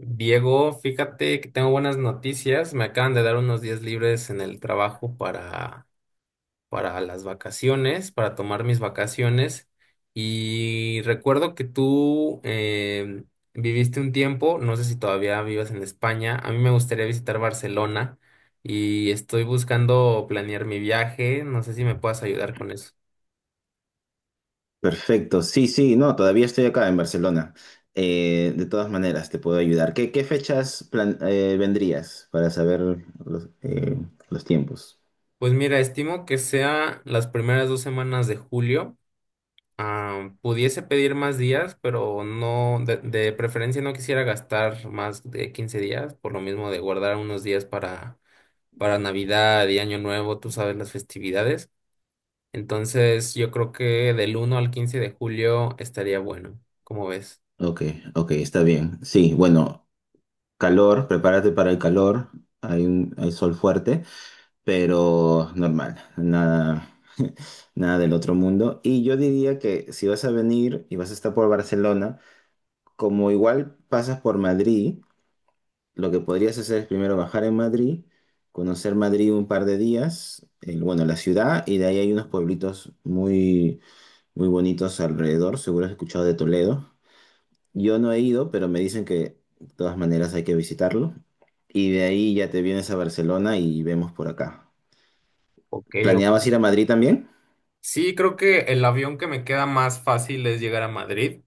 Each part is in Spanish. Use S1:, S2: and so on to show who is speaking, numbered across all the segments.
S1: Diego, fíjate que tengo buenas noticias. Me acaban de dar unos días libres en el trabajo para las vacaciones, para tomar mis vacaciones. Y recuerdo que tú viviste un tiempo, no sé si todavía vivas en España. A mí me gustaría visitar Barcelona y estoy buscando planear mi viaje. No sé si me puedas ayudar con eso.
S2: Perfecto, sí, sí, no, todavía estoy acá en Barcelona. De todas maneras, te puedo ayudar. ¿Qué fechas vendrías para saber los tiempos?
S1: Pues mira, estimo que sea las primeras 2 semanas de julio. Ah, pudiese pedir más días, pero no, de preferencia no quisiera gastar más de 15 días, por lo mismo de guardar unos días para Navidad y Año Nuevo, tú sabes, las festividades. Entonces, yo creo que del 1 al 15 de julio estaría bueno, ¿cómo ves?
S2: Ok, ok, está bien. Sí, bueno, calor, prepárate para el calor. Hay sol fuerte, pero normal, nada, nada del otro mundo. Y yo diría que si vas a venir y vas a estar por Barcelona, como igual pasas por Madrid, lo que podrías hacer es primero bajar en Madrid, conocer Madrid un par de días, bueno, la ciudad, y de ahí hay unos pueblitos muy, muy bonitos alrededor. Seguro has escuchado de Toledo. Yo no he ido, pero me dicen que de todas maneras hay que visitarlo. Y de ahí ya te vienes a Barcelona y vemos por acá.
S1: Ok, ok.
S2: ¿Planeabas ir a Madrid también?
S1: Sí, creo que el avión que me queda más fácil es llegar a Madrid.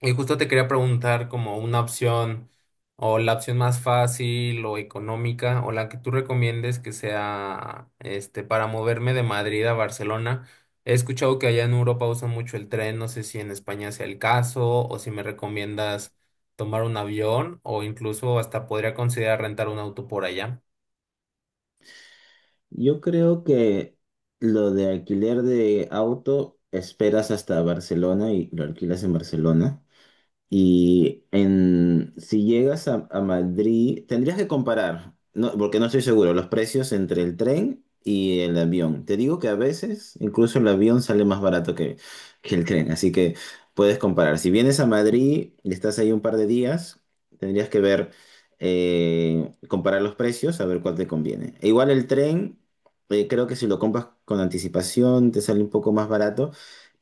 S1: Y justo te quería preguntar como una opción o la opción más fácil o económica o la que tú recomiendes que sea este para moverme de Madrid a Barcelona. He escuchado que allá en Europa usan mucho el tren, no sé si en España sea el caso o si me recomiendas tomar un avión o incluso hasta podría considerar rentar un auto por allá.
S2: Yo creo que lo de alquiler de auto esperas hasta Barcelona y lo alquilas en Barcelona. Si llegas a Madrid, tendrías que comparar, no, porque no estoy seguro, los precios entre el tren y el avión. Te digo que a veces incluso el avión sale más barato que el tren, así que puedes comparar. Si vienes a Madrid y estás ahí un par de días, tendrías que ver, comparar los precios, a ver cuál te conviene. E igual el tren, creo que si lo compras con anticipación, te sale un poco más barato.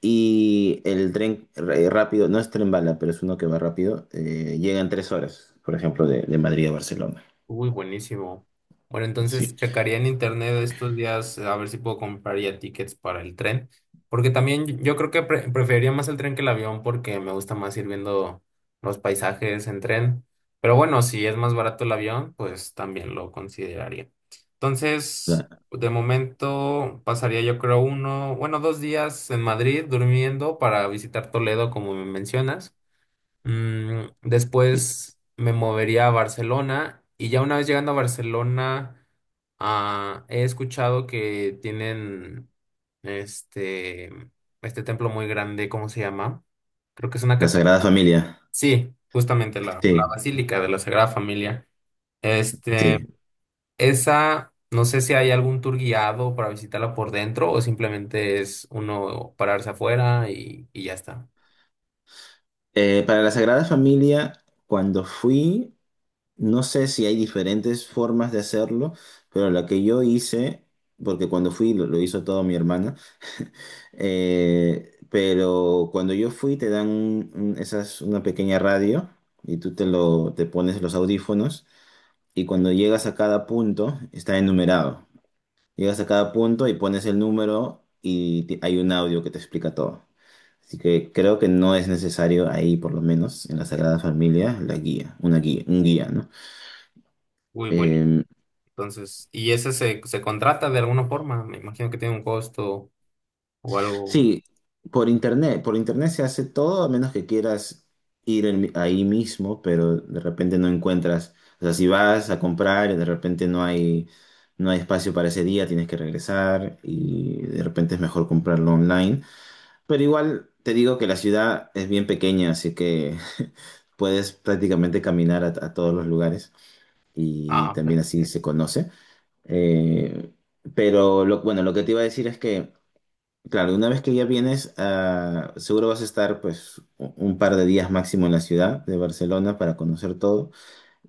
S2: Y el tren rápido, no es tren bala, pero es uno que va rápido, llega en tres horas, por ejemplo, de Madrid a Barcelona.
S1: Uy, buenísimo. Bueno, entonces
S2: Sí.
S1: checaría en internet estos días a ver si puedo comprar ya tickets para el tren, porque también yo creo que preferiría más el tren que el avión porque me gusta más ir viendo los paisajes en tren. Pero bueno, si es más barato el avión, pues también lo consideraría. Entonces,
S2: La,
S1: de momento pasaría yo creo uno, bueno, 2 días en Madrid durmiendo para visitar Toledo como me mencionas.
S2: y-
S1: Después me movería a Barcelona y ya una vez llegando a Barcelona, ah, he escuchado que tienen este, este templo muy grande, ¿cómo se llama? Creo que es una
S2: la
S1: catedral.
S2: Sagrada Familia.
S1: Sí, justamente la
S2: Sí,
S1: Basílica de la Sagrada Familia. Este,
S2: sí.
S1: esa, no sé si hay algún tour guiado para visitarla por dentro o simplemente es uno pararse afuera y ya está.
S2: Para la Sagrada Familia, cuando fui, no sé si hay diferentes formas de hacerlo, pero la que yo hice, porque cuando fui lo hizo todo mi hermana. Eh, pero cuando yo fui te dan esas, una pequeña radio y te pones los audífonos y cuando llegas a cada punto está enumerado. Llegas a cada punto y pones el número y hay un audio que te explica todo. Así que creo que no es necesario ahí, por lo menos en la Sagrada Familia, la guía, una guía, un guía, ¿no?
S1: Uy,
S2: Em,
S1: entonces, y ese se contrata de alguna forma, me imagino que tiene un costo o algo.
S2: Sí, por internet se hace todo a menos que quieras ir ahí mismo, pero de repente no encuentras, o sea, si vas a comprar y de repente no hay, no hay espacio para ese día, tienes que regresar y de repente es mejor comprarlo online. Pero igual te digo que la ciudad es bien pequeña, así que puedes prácticamente caminar a todos los lugares y
S1: Ah,
S2: también así
S1: perfecto.
S2: se conoce. Eh, pero bueno, lo que te iba a decir es que... Claro, una vez que ya vienes, ah, seguro vas a estar pues un par de días máximo en la ciudad de Barcelona para conocer todo.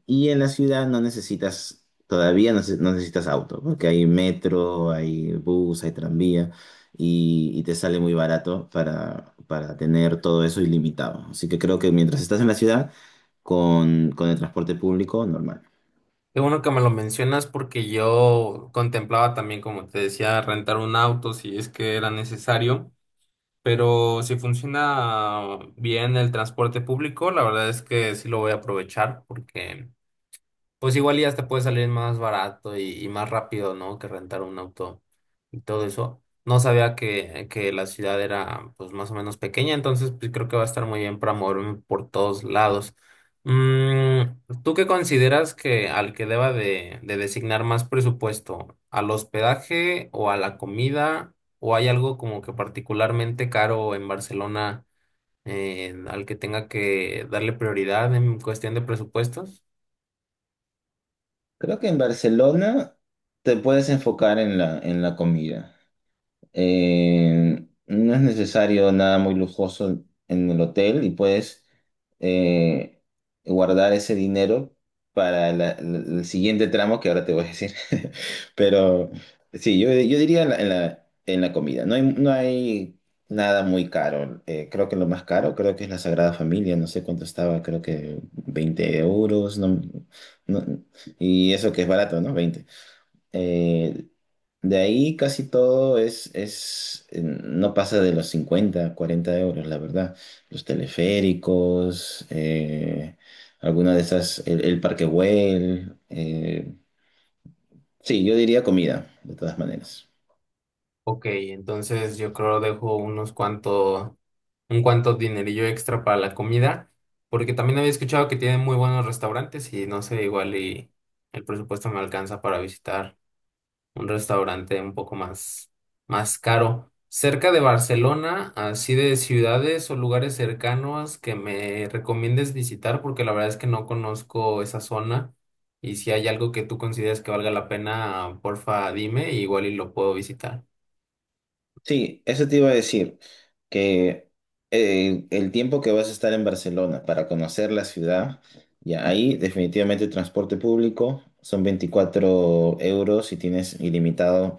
S2: Y en la ciudad no necesitas, todavía no, no necesitas auto, porque hay metro, hay bus, hay tranvía y te sale muy barato para tener todo eso ilimitado. Así que creo que mientras estás en la ciudad, con el transporte público, normal.
S1: Qué bueno que me lo mencionas porque yo contemplaba también, como te decía, rentar un auto si es que era necesario, pero si funciona bien el transporte público, la verdad es que sí lo voy a aprovechar porque pues igual y hasta puede salir más barato y más rápido, ¿no? Que rentar un auto y todo eso. No sabía que la ciudad era pues más o menos pequeña, entonces pues creo que va a estar muy bien para moverme por todos lados. Mm, ¿Tú qué consideras que al que deba de designar más presupuesto? ¿Al hospedaje o a la comida? ¿O hay algo como que particularmente caro en Barcelona al que tenga que darle prioridad en cuestión de presupuestos?
S2: Creo que en Barcelona te puedes enfocar en en la comida. No es necesario nada muy lujoso en el hotel y puedes eh, guardar ese dinero para el siguiente tramo que ahora te voy a decir. Pero sí, yo diría en en la comida. No hay, no hay nada muy caro. Creo que lo más caro creo que es la Sagrada Familia. No sé cuánto estaba, creo que 20 euros. No- y eso que es barato, ¿no? Veinte, eh, de ahí casi todo es, no pasa de los 50 40 euros, la verdad. Los teleféricos, alguna de esas, el Parque Güell, sí, yo diría comida, de todas maneras.
S1: Ok, entonces yo creo dejo unos cuantos, un cuanto dinerillo extra para la comida, porque también había escuchado que tienen muy buenos restaurantes y no sé, igual y el presupuesto me alcanza para visitar un restaurante un poco más, más caro. Cerca de Barcelona, así de ciudades o lugares cercanos que me recomiendes visitar, porque la verdad es que no conozco esa zona y si hay algo que tú consideres que valga la pena, porfa, dime, igual y lo puedo visitar.
S2: Sí, eso te iba a decir, que el tiempo que vas a estar en Barcelona para conocer la ciudad, ya ahí definitivamente transporte público son 24 euros y tienes ilimitado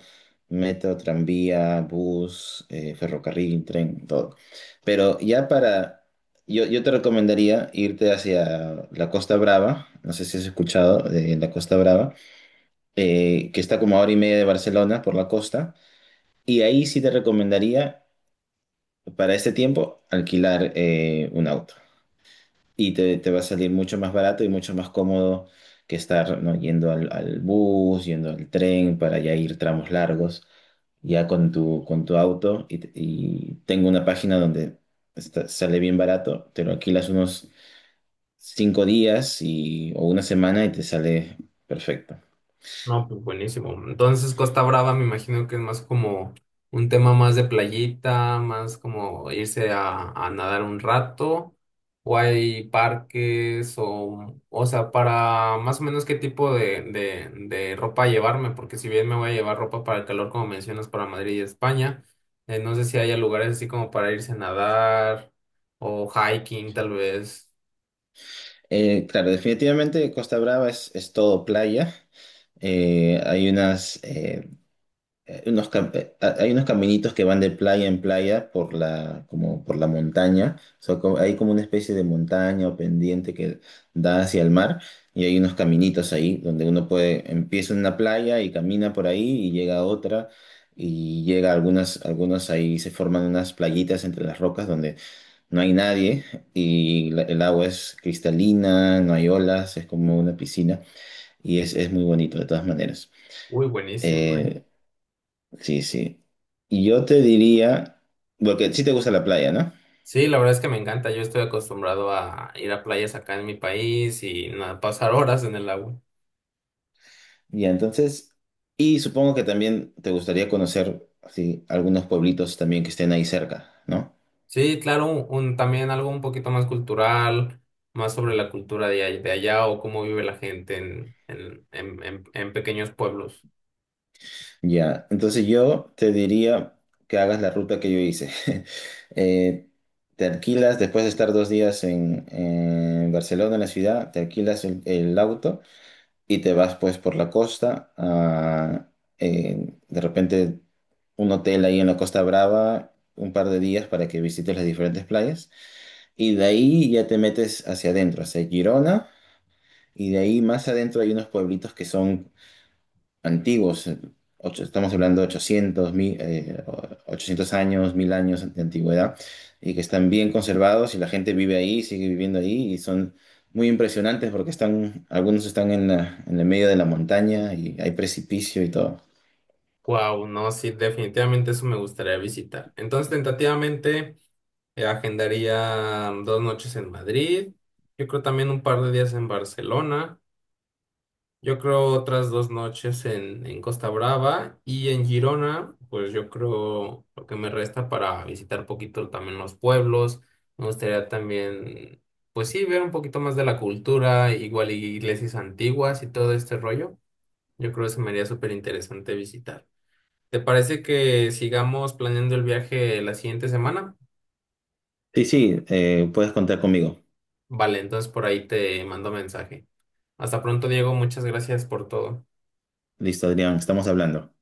S2: metro, tranvía, bus, ferrocarril, tren, todo. Pero ya para, yo te recomendaría irte hacia la Costa Brava, no sé si has escuchado de la Costa Brava, que está como a hora y media de Barcelona por la costa. Y ahí sí te recomendaría para este tiempo, alquilar un auto. Y te va a salir mucho más barato y mucho más cómodo que estar, ¿no? yendo al bus, yendo al tren para ya ir tramos largos, ya con tu auto. Y tengo una página donde sale bien barato, te lo alquilas unos cinco días y, o una semana y te sale perfecto.
S1: No, pues buenísimo. Entonces Costa Brava me imagino que es más como un tema más de playita, más como irse a nadar un rato, o hay parques, o sea, para más o menos qué tipo de ropa llevarme, porque si bien me voy a llevar ropa para el calor, como mencionas, para Madrid y España, no sé si haya lugares así como para irse a nadar o hiking tal vez.
S2: Claro, definitivamente Costa Brava es todo playa. Hay unas, unos cam- ha- Hay unos caminitos que van de playa en playa por como por la montaña. O sea, hay como una especie de montaña o pendiente que da hacia el mar. Y hay unos caminitos ahí donde uno puede, empieza en una playa y camina por ahí y llega a otra. Y llega a algunas, algunos ahí se forman unas playitas entre las rocas donde no hay nadie y el agua es cristalina, no hay olas, es como una piscina y es muy bonito de todas maneras.
S1: Uy, buenísimo, ¿eh?
S2: Eh, Sí, sí. Y yo te diría, porque sí te gusta la playa, ¿no?
S1: Sí, la verdad es que me encanta. Yo estoy acostumbrado a ir a playas acá en mi país y nada, pasar horas en el agua.
S2: Y entonces, y supongo que también te gustaría conocer así, algunos pueblitos también que estén ahí cerca, ¿no?
S1: Sí, claro, también algo un poquito más cultural, más sobre la cultura de allá o cómo vive la gente en pequeños pueblos.
S2: Ya, entonces yo te diría que hagas la ruta que yo hice. Eh, Te alquilas, después de estar dos días en Barcelona, en la ciudad, te alquilas el auto y te vas pues por la costa. A, de repente un hotel ahí en la Costa Brava, un par de días para que visites las diferentes playas. Y de ahí ya te metes hacia adentro, hacia Girona. Y de ahí más adentro hay unos pueblitos que son antiguos, estamos hablando de 800 años, 1000 años de antigüedad, y que están bien conservados y la gente vive ahí, sigue viviendo ahí, y son muy impresionantes porque están, algunos están en en el medio de la montaña y hay precipicio y todo.
S1: Wow, no, sí, definitivamente eso me gustaría visitar. Entonces, tentativamente, agendaría 2 noches en Madrid. Yo creo también un par de días en Barcelona. Yo creo otras 2 noches en, Costa Brava y en Girona, pues yo creo lo que me resta para visitar poquito también los pueblos. Me gustaría también, pues sí, ver un poquito más de la cultura, igual y iglesias antiguas y todo este rollo. Yo creo que se me haría súper interesante visitar. ¿Te parece que sigamos planeando el viaje la siguiente semana?
S2: Sí, sí, puedes contar conmigo.
S1: Vale, entonces por ahí te mando mensaje. Hasta pronto, Diego. Muchas gracias por todo.
S2: Listo, Adrián, estamos hablando.